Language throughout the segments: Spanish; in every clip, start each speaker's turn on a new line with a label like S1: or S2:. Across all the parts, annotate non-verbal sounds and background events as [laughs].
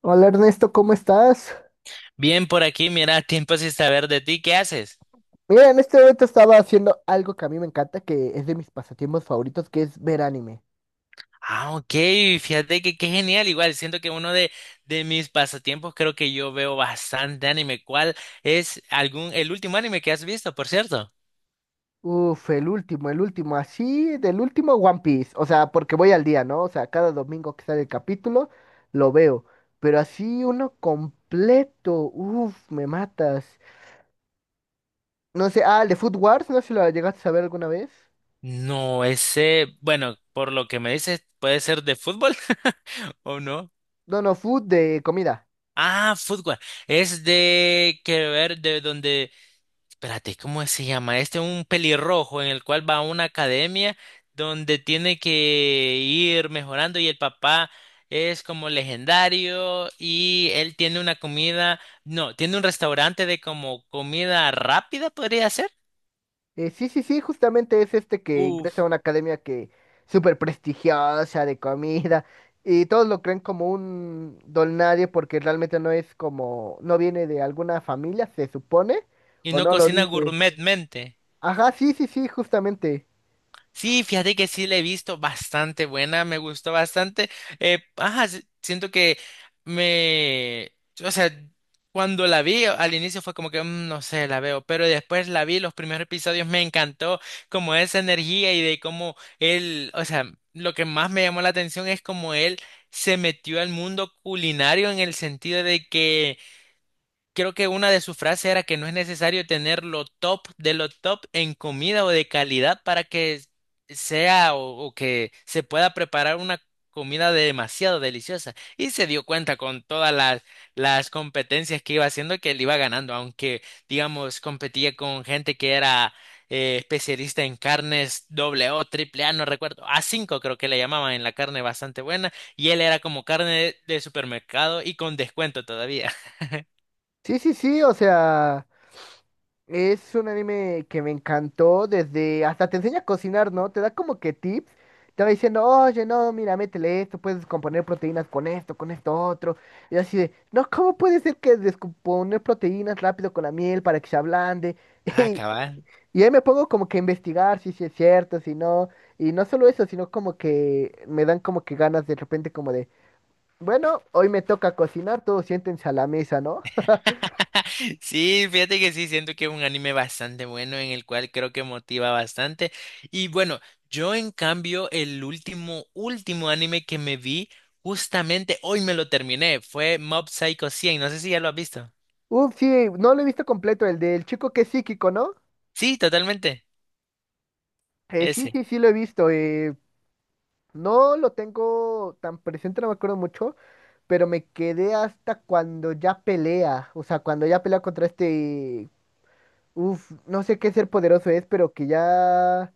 S1: Hola Ernesto, ¿cómo estás?
S2: Bien por aquí, mira, tiempo sin saber de ti, ¿qué haces?
S1: Mira, en este momento estaba haciendo algo que a mí me encanta, que es de mis pasatiempos favoritos, que es ver anime.
S2: Ah, ok, fíjate que qué genial, igual siento que uno de mis pasatiempos creo que yo veo bastante anime. ¿Cuál es algún, el último anime que has visto, por cierto?
S1: Uf, el último, así, del último One Piece. O sea, porque voy al día, ¿no? O sea, cada domingo que sale el capítulo, lo veo. Pero así uno completo, uf, me matas. No sé, ah, el de Food Wars, no sé si lo llegaste a ver alguna vez.
S2: No, ese, bueno, por lo que me dices, puede ser de fútbol [laughs] o no.
S1: No, no, Food de comida.
S2: Ah, fútbol. Es de que ver de donde espérate, ¿cómo se llama? Este es un pelirrojo en el cual va a una academia donde tiene que ir mejorando y el papá es como legendario y él tiene una comida, no, tiene un restaurante de como comida rápida, podría ser.
S1: Sí, sí, sí, justamente es este que ingresa a
S2: Uf,
S1: una academia que súper prestigiosa de comida y todos lo creen como un don nadie porque realmente no es como, no viene de alguna familia, se supone,
S2: y
S1: o
S2: no
S1: no lo
S2: cocina
S1: dice.
S2: gourmetmente.
S1: Ajá, sí, sí, sí, justamente.
S2: Sí, fíjate que sí la he visto bastante buena, me gustó bastante. Ajá, siento que me, o sea, cuando la vi al inicio fue como que no sé, la veo", pero después la vi los primeros episodios, me encantó como esa energía y de cómo él, o sea, lo que más me llamó la atención es como él se metió al mundo culinario en el sentido de que creo que una de sus frases era que no es necesario tener lo top de lo top en comida o de calidad para que sea o que se pueda preparar una comida demasiado deliciosa. Y se dio cuenta con las competencias que iba haciendo que él iba ganando, aunque, digamos, competía con gente que era especialista en carnes doble O, triple A, no recuerdo, a cinco creo que le llamaban en la carne bastante buena, y él era como carne de supermercado y con descuento todavía. [laughs]
S1: Sí, sí, sí, o sea... Es un anime que me encantó desde, hasta te enseña a cocinar, ¿no? Te da como que tips. Te va diciendo, oye, no, mira, métele esto, puedes componer proteínas con esto otro. Y así de, no, ¿cómo puede ser que descomponer proteínas rápido con la miel para que se ablande?
S2: Ah,
S1: [laughs]
S2: cabal.
S1: Y ahí me pongo como que a investigar si sí es cierto, si no. Y no solo eso, sino como que me dan como que ganas de repente como de, bueno, hoy me toca cocinar, todos siéntense a la mesa, ¿no?
S2: [laughs] Sí, fíjate que sí, siento que es un anime bastante bueno en el cual creo que motiva bastante. Y bueno, yo en cambio el último, último anime que me vi, justamente hoy me lo terminé, fue Mob Psycho 100, no sé si ya lo has visto.
S1: [laughs] Uf, sí, no lo he visto completo, el del chico que es psíquico, ¿no?
S2: Sí, totalmente,
S1: Sí,
S2: ese.
S1: sí, sí lo he visto. No lo tengo tan presente, no me acuerdo mucho, pero me quedé hasta cuando ya pelea. O sea, cuando ya pelea contra este... Uf, no sé qué ser poderoso es, pero que ya...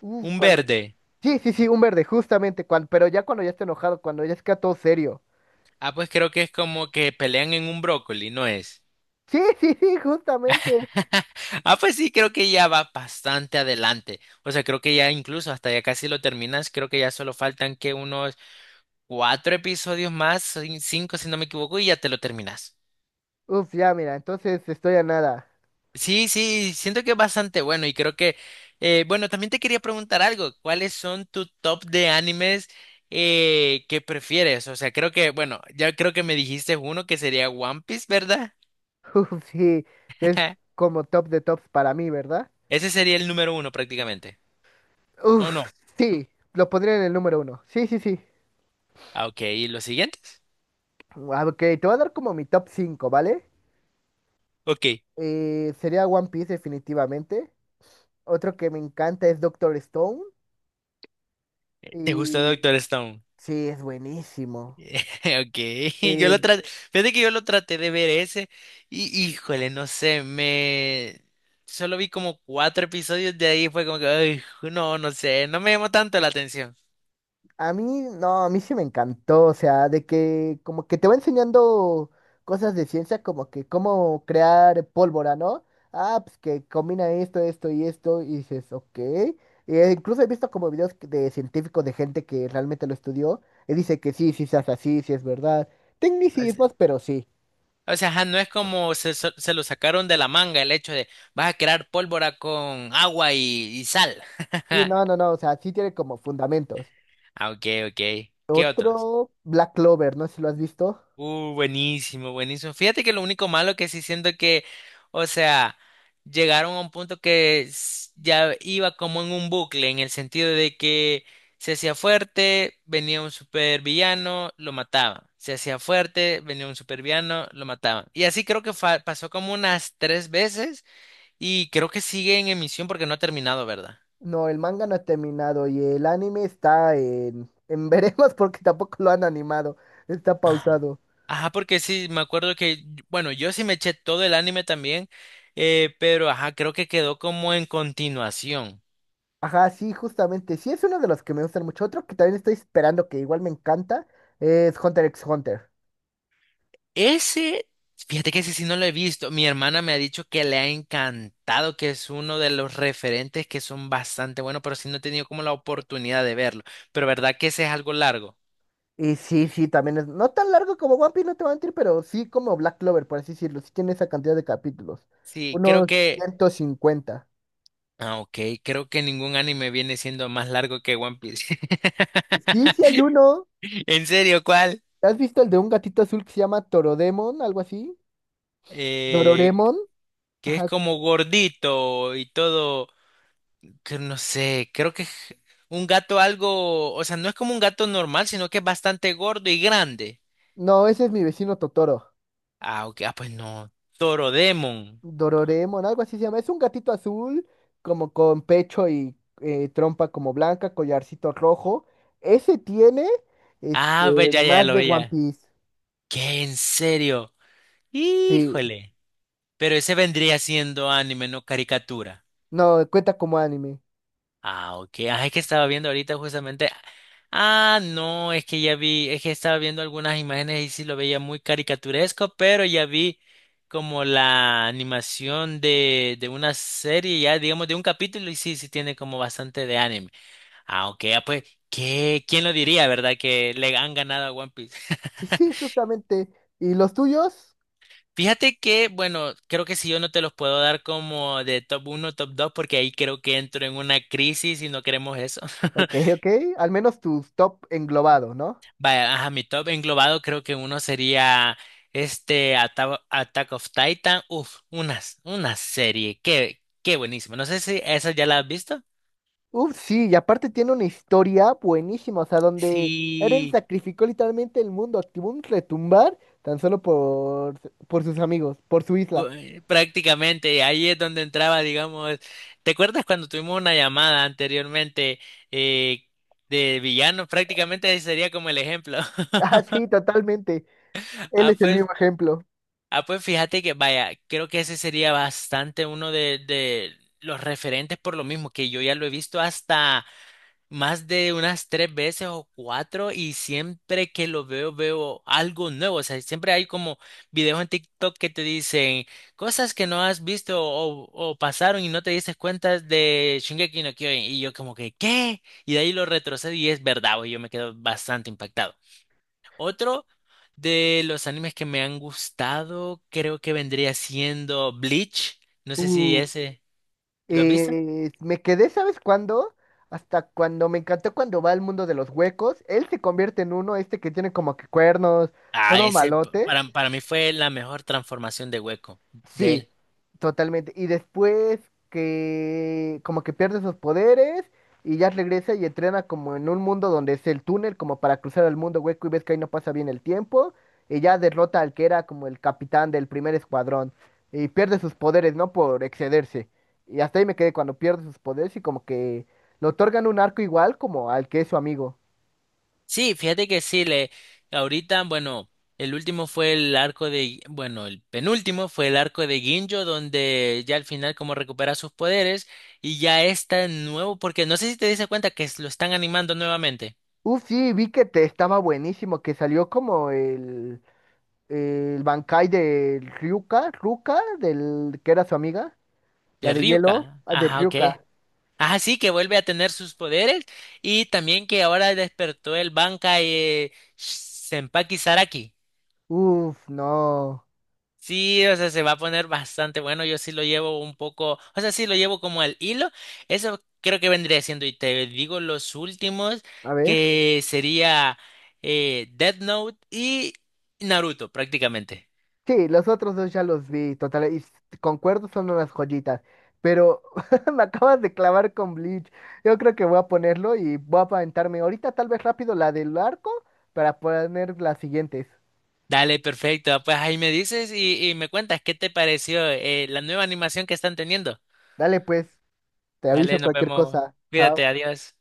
S1: Uf,
S2: Un
S1: cuando...
S2: verde.
S1: Sí, sí, sí, un verde, justamente, cuando pero ya cuando ya está enojado, cuando ya está todo serio.
S2: Ah, pues creo que es como que pelean en un brócoli, ¿no es?
S1: Sí, [laughs] sí, sí, justamente.
S2: [laughs] Ah, pues sí, creo que ya va bastante adelante. O sea, creo que ya incluso hasta ya casi lo terminas. Creo que ya solo faltan que unos cuatro episodios más, cinco si no me equivoco, y ya te lo terminas.
S1: Uf, ya, mira, entonces estoy a nada.
S2: Sí, sí, siento que es bastante bueno y creo que, bueno, también te quería preguntar algo, ¿cuáles son tu top de animes que prefieres? O sea, creo que, bueno, ya creo que me dijiste uno que sería One Piece, ¿verdad?
S1: [laughs] Uf, sí, es
S2: [laughs]
S1: como top de tops para mí, ¿verdad?
S2: Ese sería el número uno prácticamente. ¿O
S1: Uf,
S2: no?
S1: sí, lo pondría en el número uno. Sí, sí, sí.
S2: Ah, ok, ¿y los siguientes?
S1: Ah, ok, te voy a dar como mi top 5, ¿vale?
S2: Ok,
S1: Sería One Piece definitivamente. Otro que me encanta es Doctor Stone.
S2: ¿te gustó
S1: Y
S2: Doctor Stone?
S1: sí, es buenísimo.
S2: [laughs] Okay, [laughs] yo
S1: Eh,
S2: lo traté, fíjate que yo lo traté de ver ese y híjole, no sé, me solo vi como cuatro episodios de ahí fue como que ay, no, no sé, no me llamó tanto la atención.
S1: A mí, no, a mí sí me encantó, o sea, de que como que te va enseñando cosas de ciencia, como que cómo crear pólvora, ¿no? Ah, pues que combina esto, esto y esto, y dices, ok. E incluso he visto como videos que- de científicos, de gente que realmente lo estudió, y dice que sí, sí se hace así, sí es verdad.
S2: Así,
S1: Tecnicismos, pero sí.
S2: o sea, ajá, no es como se lo sacaron de la manga el hecho de vas a crear pólvora con agua y sal.
S1: Y no,
S2: [laughs]
S1: no, no, o sea, sí tiene como fundamentos.
S2: Ah, okay, okay. ¿Qué otro?
S1: Otro, Black Clover, no sé si lo has visto.
S2: Buenísimo, buenísimo. Fíjate que lo único malo que sí siento que, o sea, llegaron a un punto que ya iba como en un bucle, en el sentido de que se hacía fuerte, venía un supervillano, lo mataban. Se hacía fuerte, venía un supervillano, lo mataban. Y así creo que pasó como unas tres veces y creo que sigue en emisión porque no ha terminado, ¿verdad?
S1: No, el manga no ha terminado y el anime está en [laughs] veremos porque tampoco lo han animado. Está
S2: Ajá.
S1: pausado.
S2: Ajá, porque sí, me acuerdo que, bueno, yo sí me eché todo el anime también, pero ajá, creo que quedó como en continuación.
S1: Ajá, sí, justamente. Sí, es uno de los que me gustan mucho. Otro que también estoy esperando, que igual me encanta, es Hunter x Hunter.
S2: Ese, fíjate que ese sí no lo he visto. Mi hermana me ha dicho que le ha encantado, que es uno de los referentes que son bastante buenos, pero sí no he tenido como la oportunidad de verlo. Pero verdad que ese es algo largo.
S1: Y sí, sí, también es no tan largo como One Piece, no te voy a mentir, pero sí como Black Clover, por así decirlo. Sí tiene esa cantidad de capítulos.
S2: Sí, creo
S1: Unos
S2: que...
S1: 150.
S2: Ah, ok, creo que ningún anime viene siendo más largo que One Piece. [laughs]
S1: Sí, sí hay uno.
S2: ¿En serio, cuál?
S1: ¿Has visto el de un gatito azul que se llama Torodemon, algo así?
S2: Eh,
S1: Dororemon.
S2: que es
S1: Ajá.
S2: como gordito y todo, que no sé, creo que es un gato algo, o sea, no es como un gato normal, sino que es bastante gordo y grande.
S1: No, ese es mi vecino Totoro.
S2: Ah, ok, ah, pues no, Toro Demon.
S1: Dororemon, algo así se llama. Es un gatito azul, como con pecho y trompa como blanca, collarcito rojo. Ese tiene
S2: Ah, pues
S1: este
S2: ya, ya
S1: más
S2: lo
S1: de One
S2: veía.
S1: Piece.
S2: ¿Qué? ¿En serio?
S1: Sí,
S2: Híjole. Pero ese vendría siendo anime, no caricatura.
S1: no, cuenta como anime.
S2: Ah, ok. Ah, es que estaba viendo ahorita justamente. Ah, no, es que ya vi, es que estaba viendo algunas imágenes y sí lo veía muy caricaturesco, pero ya vi como la animación de una serie, ya digamos de un capítulo, y sí, sí tiene como bastante de anime. Ah, ok, ah, pues, ¿qué? ¿Quién lo diría, verdad? Que le han ganado a One Piece. [laughs]
S1: Sí, sí, justamente. ¿Y los tuyos?
S2: Fíjate que, bueno, creo que si yo no te los puedo dar como de top uno, top 2, porque ahí creo que entro en una crisis y no queremos eso.
S1: Ok,
S2: [laughs]
S1: ok. Al menos tus top englobado, ¿no?
S2: Vaya, ajá, mi top englobado creo que uno sería este Attack of Titan. Uf, unas, una serie. Qué, qué buenísimo. No sé si esa ya la has visto.
S1: Uf, sí, y aparte tiene una historia buenísima, o sea, donde Eren
S2: Sí,
S1: sacrificó literalmente el mundo, activó un retumbar tan solo por sus amigos, por su isla.
S2: prácticamente ahí es donde entraba, digamos. ¿Te acuerdas cuando tuvimos una llamada anteriormente eh, de villanos? Prácticamente ese sería como el ejemplo. [laughs]
S1: Ah, sí, totalmente. Él
S2: Ah,
S1: es el
S2: pues,
S1: mismo ejemplo.
S2: ah, pues fíjate que vaya, creo que ese sería bastante uno de los referentes por lo mismo que yo ya lo he visto hasta más de unas tres veces o cuatro y siempre que lo veo veo algo nuevo. O sea, siempre hay como videos en TikTok que te dicen cosas que no has visto o pasaron y no te dices cuenta de Shingeki no Kyojin. Y yo como que, ¿qué? Y de ahí lo retrocedo y es verdad, güey, yo me quedo bastante impactado. Otro de los animes que me han gustado creo que vendría siendo Bleach. No sé si
S1: Uf.
S2: ese... ¿Lo has visto?
S1: Me quedé, ¿sabes cuándo? Hasta cuando me encantó cuando va al mundo de los huecos. Él se convierte en uno, este que tiene como que cuernos,
S2: Ah,
S1: todo
S2: ese
S1: malote.
S2: para mí fue la mejor transformación de hueco de
S1: Sí,
S2: él.
S1: totalmente. Y después que como que pierde sus poderes y ya regresa y entrena como en un mundo donde es el túnel, como para cruzar el mundo hueco y ves que ahí no pasa bien el tiempo. Y ya derrota al que era como el capitán del primer escuadrón. Y pierde sus poderes, ¿no? Por excederse. Y hasta ahí me quedé cuando pierde sus poderes y como que le otorgan un arco igual como al que es su amigo.
S2: Sí, fíjate que sí, le ahorita, bueno, el último fue el arco de, bueno, el penúltimo fue el arco de Ginjo, donde ya al final como recupera sus poderes y ya está nuevo, porque no sé si te diste cuenta que lo están animando nuevamente.
S1: Uf, sí, vi que te estaba buenísimo, que salió como el Bankai de Ryuka, Ruka, del que era su amiga, la
S2: De
S1: de hielo,
S2: Ryuka.
S1: ah, de
S2: Ajá, ok.
S1: Ryuka.
S2: Ajá, sí, que vuelve a tener sus poderes y también que ahora despertó el Bankai, Senpaki Saraki.
S1: Uf, no.
S2: Sí, o sea, se va a poner bastante bueno. Yo sí lo llevo un poco, o sea, sí lo llevo como al hilo. Eso creo que vendría siendo. Y te digo los últimos,
S1: A ver.
S2: que sería Death Note y Naruto, prácticamente.
S1: Sí, los otros dos ya los vi, total, y s- concuerdo, son unas joyitas. Pero [laughs] me acabas de clavar con Bleach. Yo creo que voy a ponerlo y voy a aventarme ahorita tal vez rápido la del arco para poner las siguientes.
S2: Dale, perfecto. Pues ahí me dices y me cuentas qué te pareció, la nueva animación que están teniendo.
S1: Dale pues, te
S2: Dale,
S1: aviso
S2: nos
S1: cualquier
S2: vemos.
S1: cosa.
S2: Cuídate,
S1: Chao.
S2: adiós.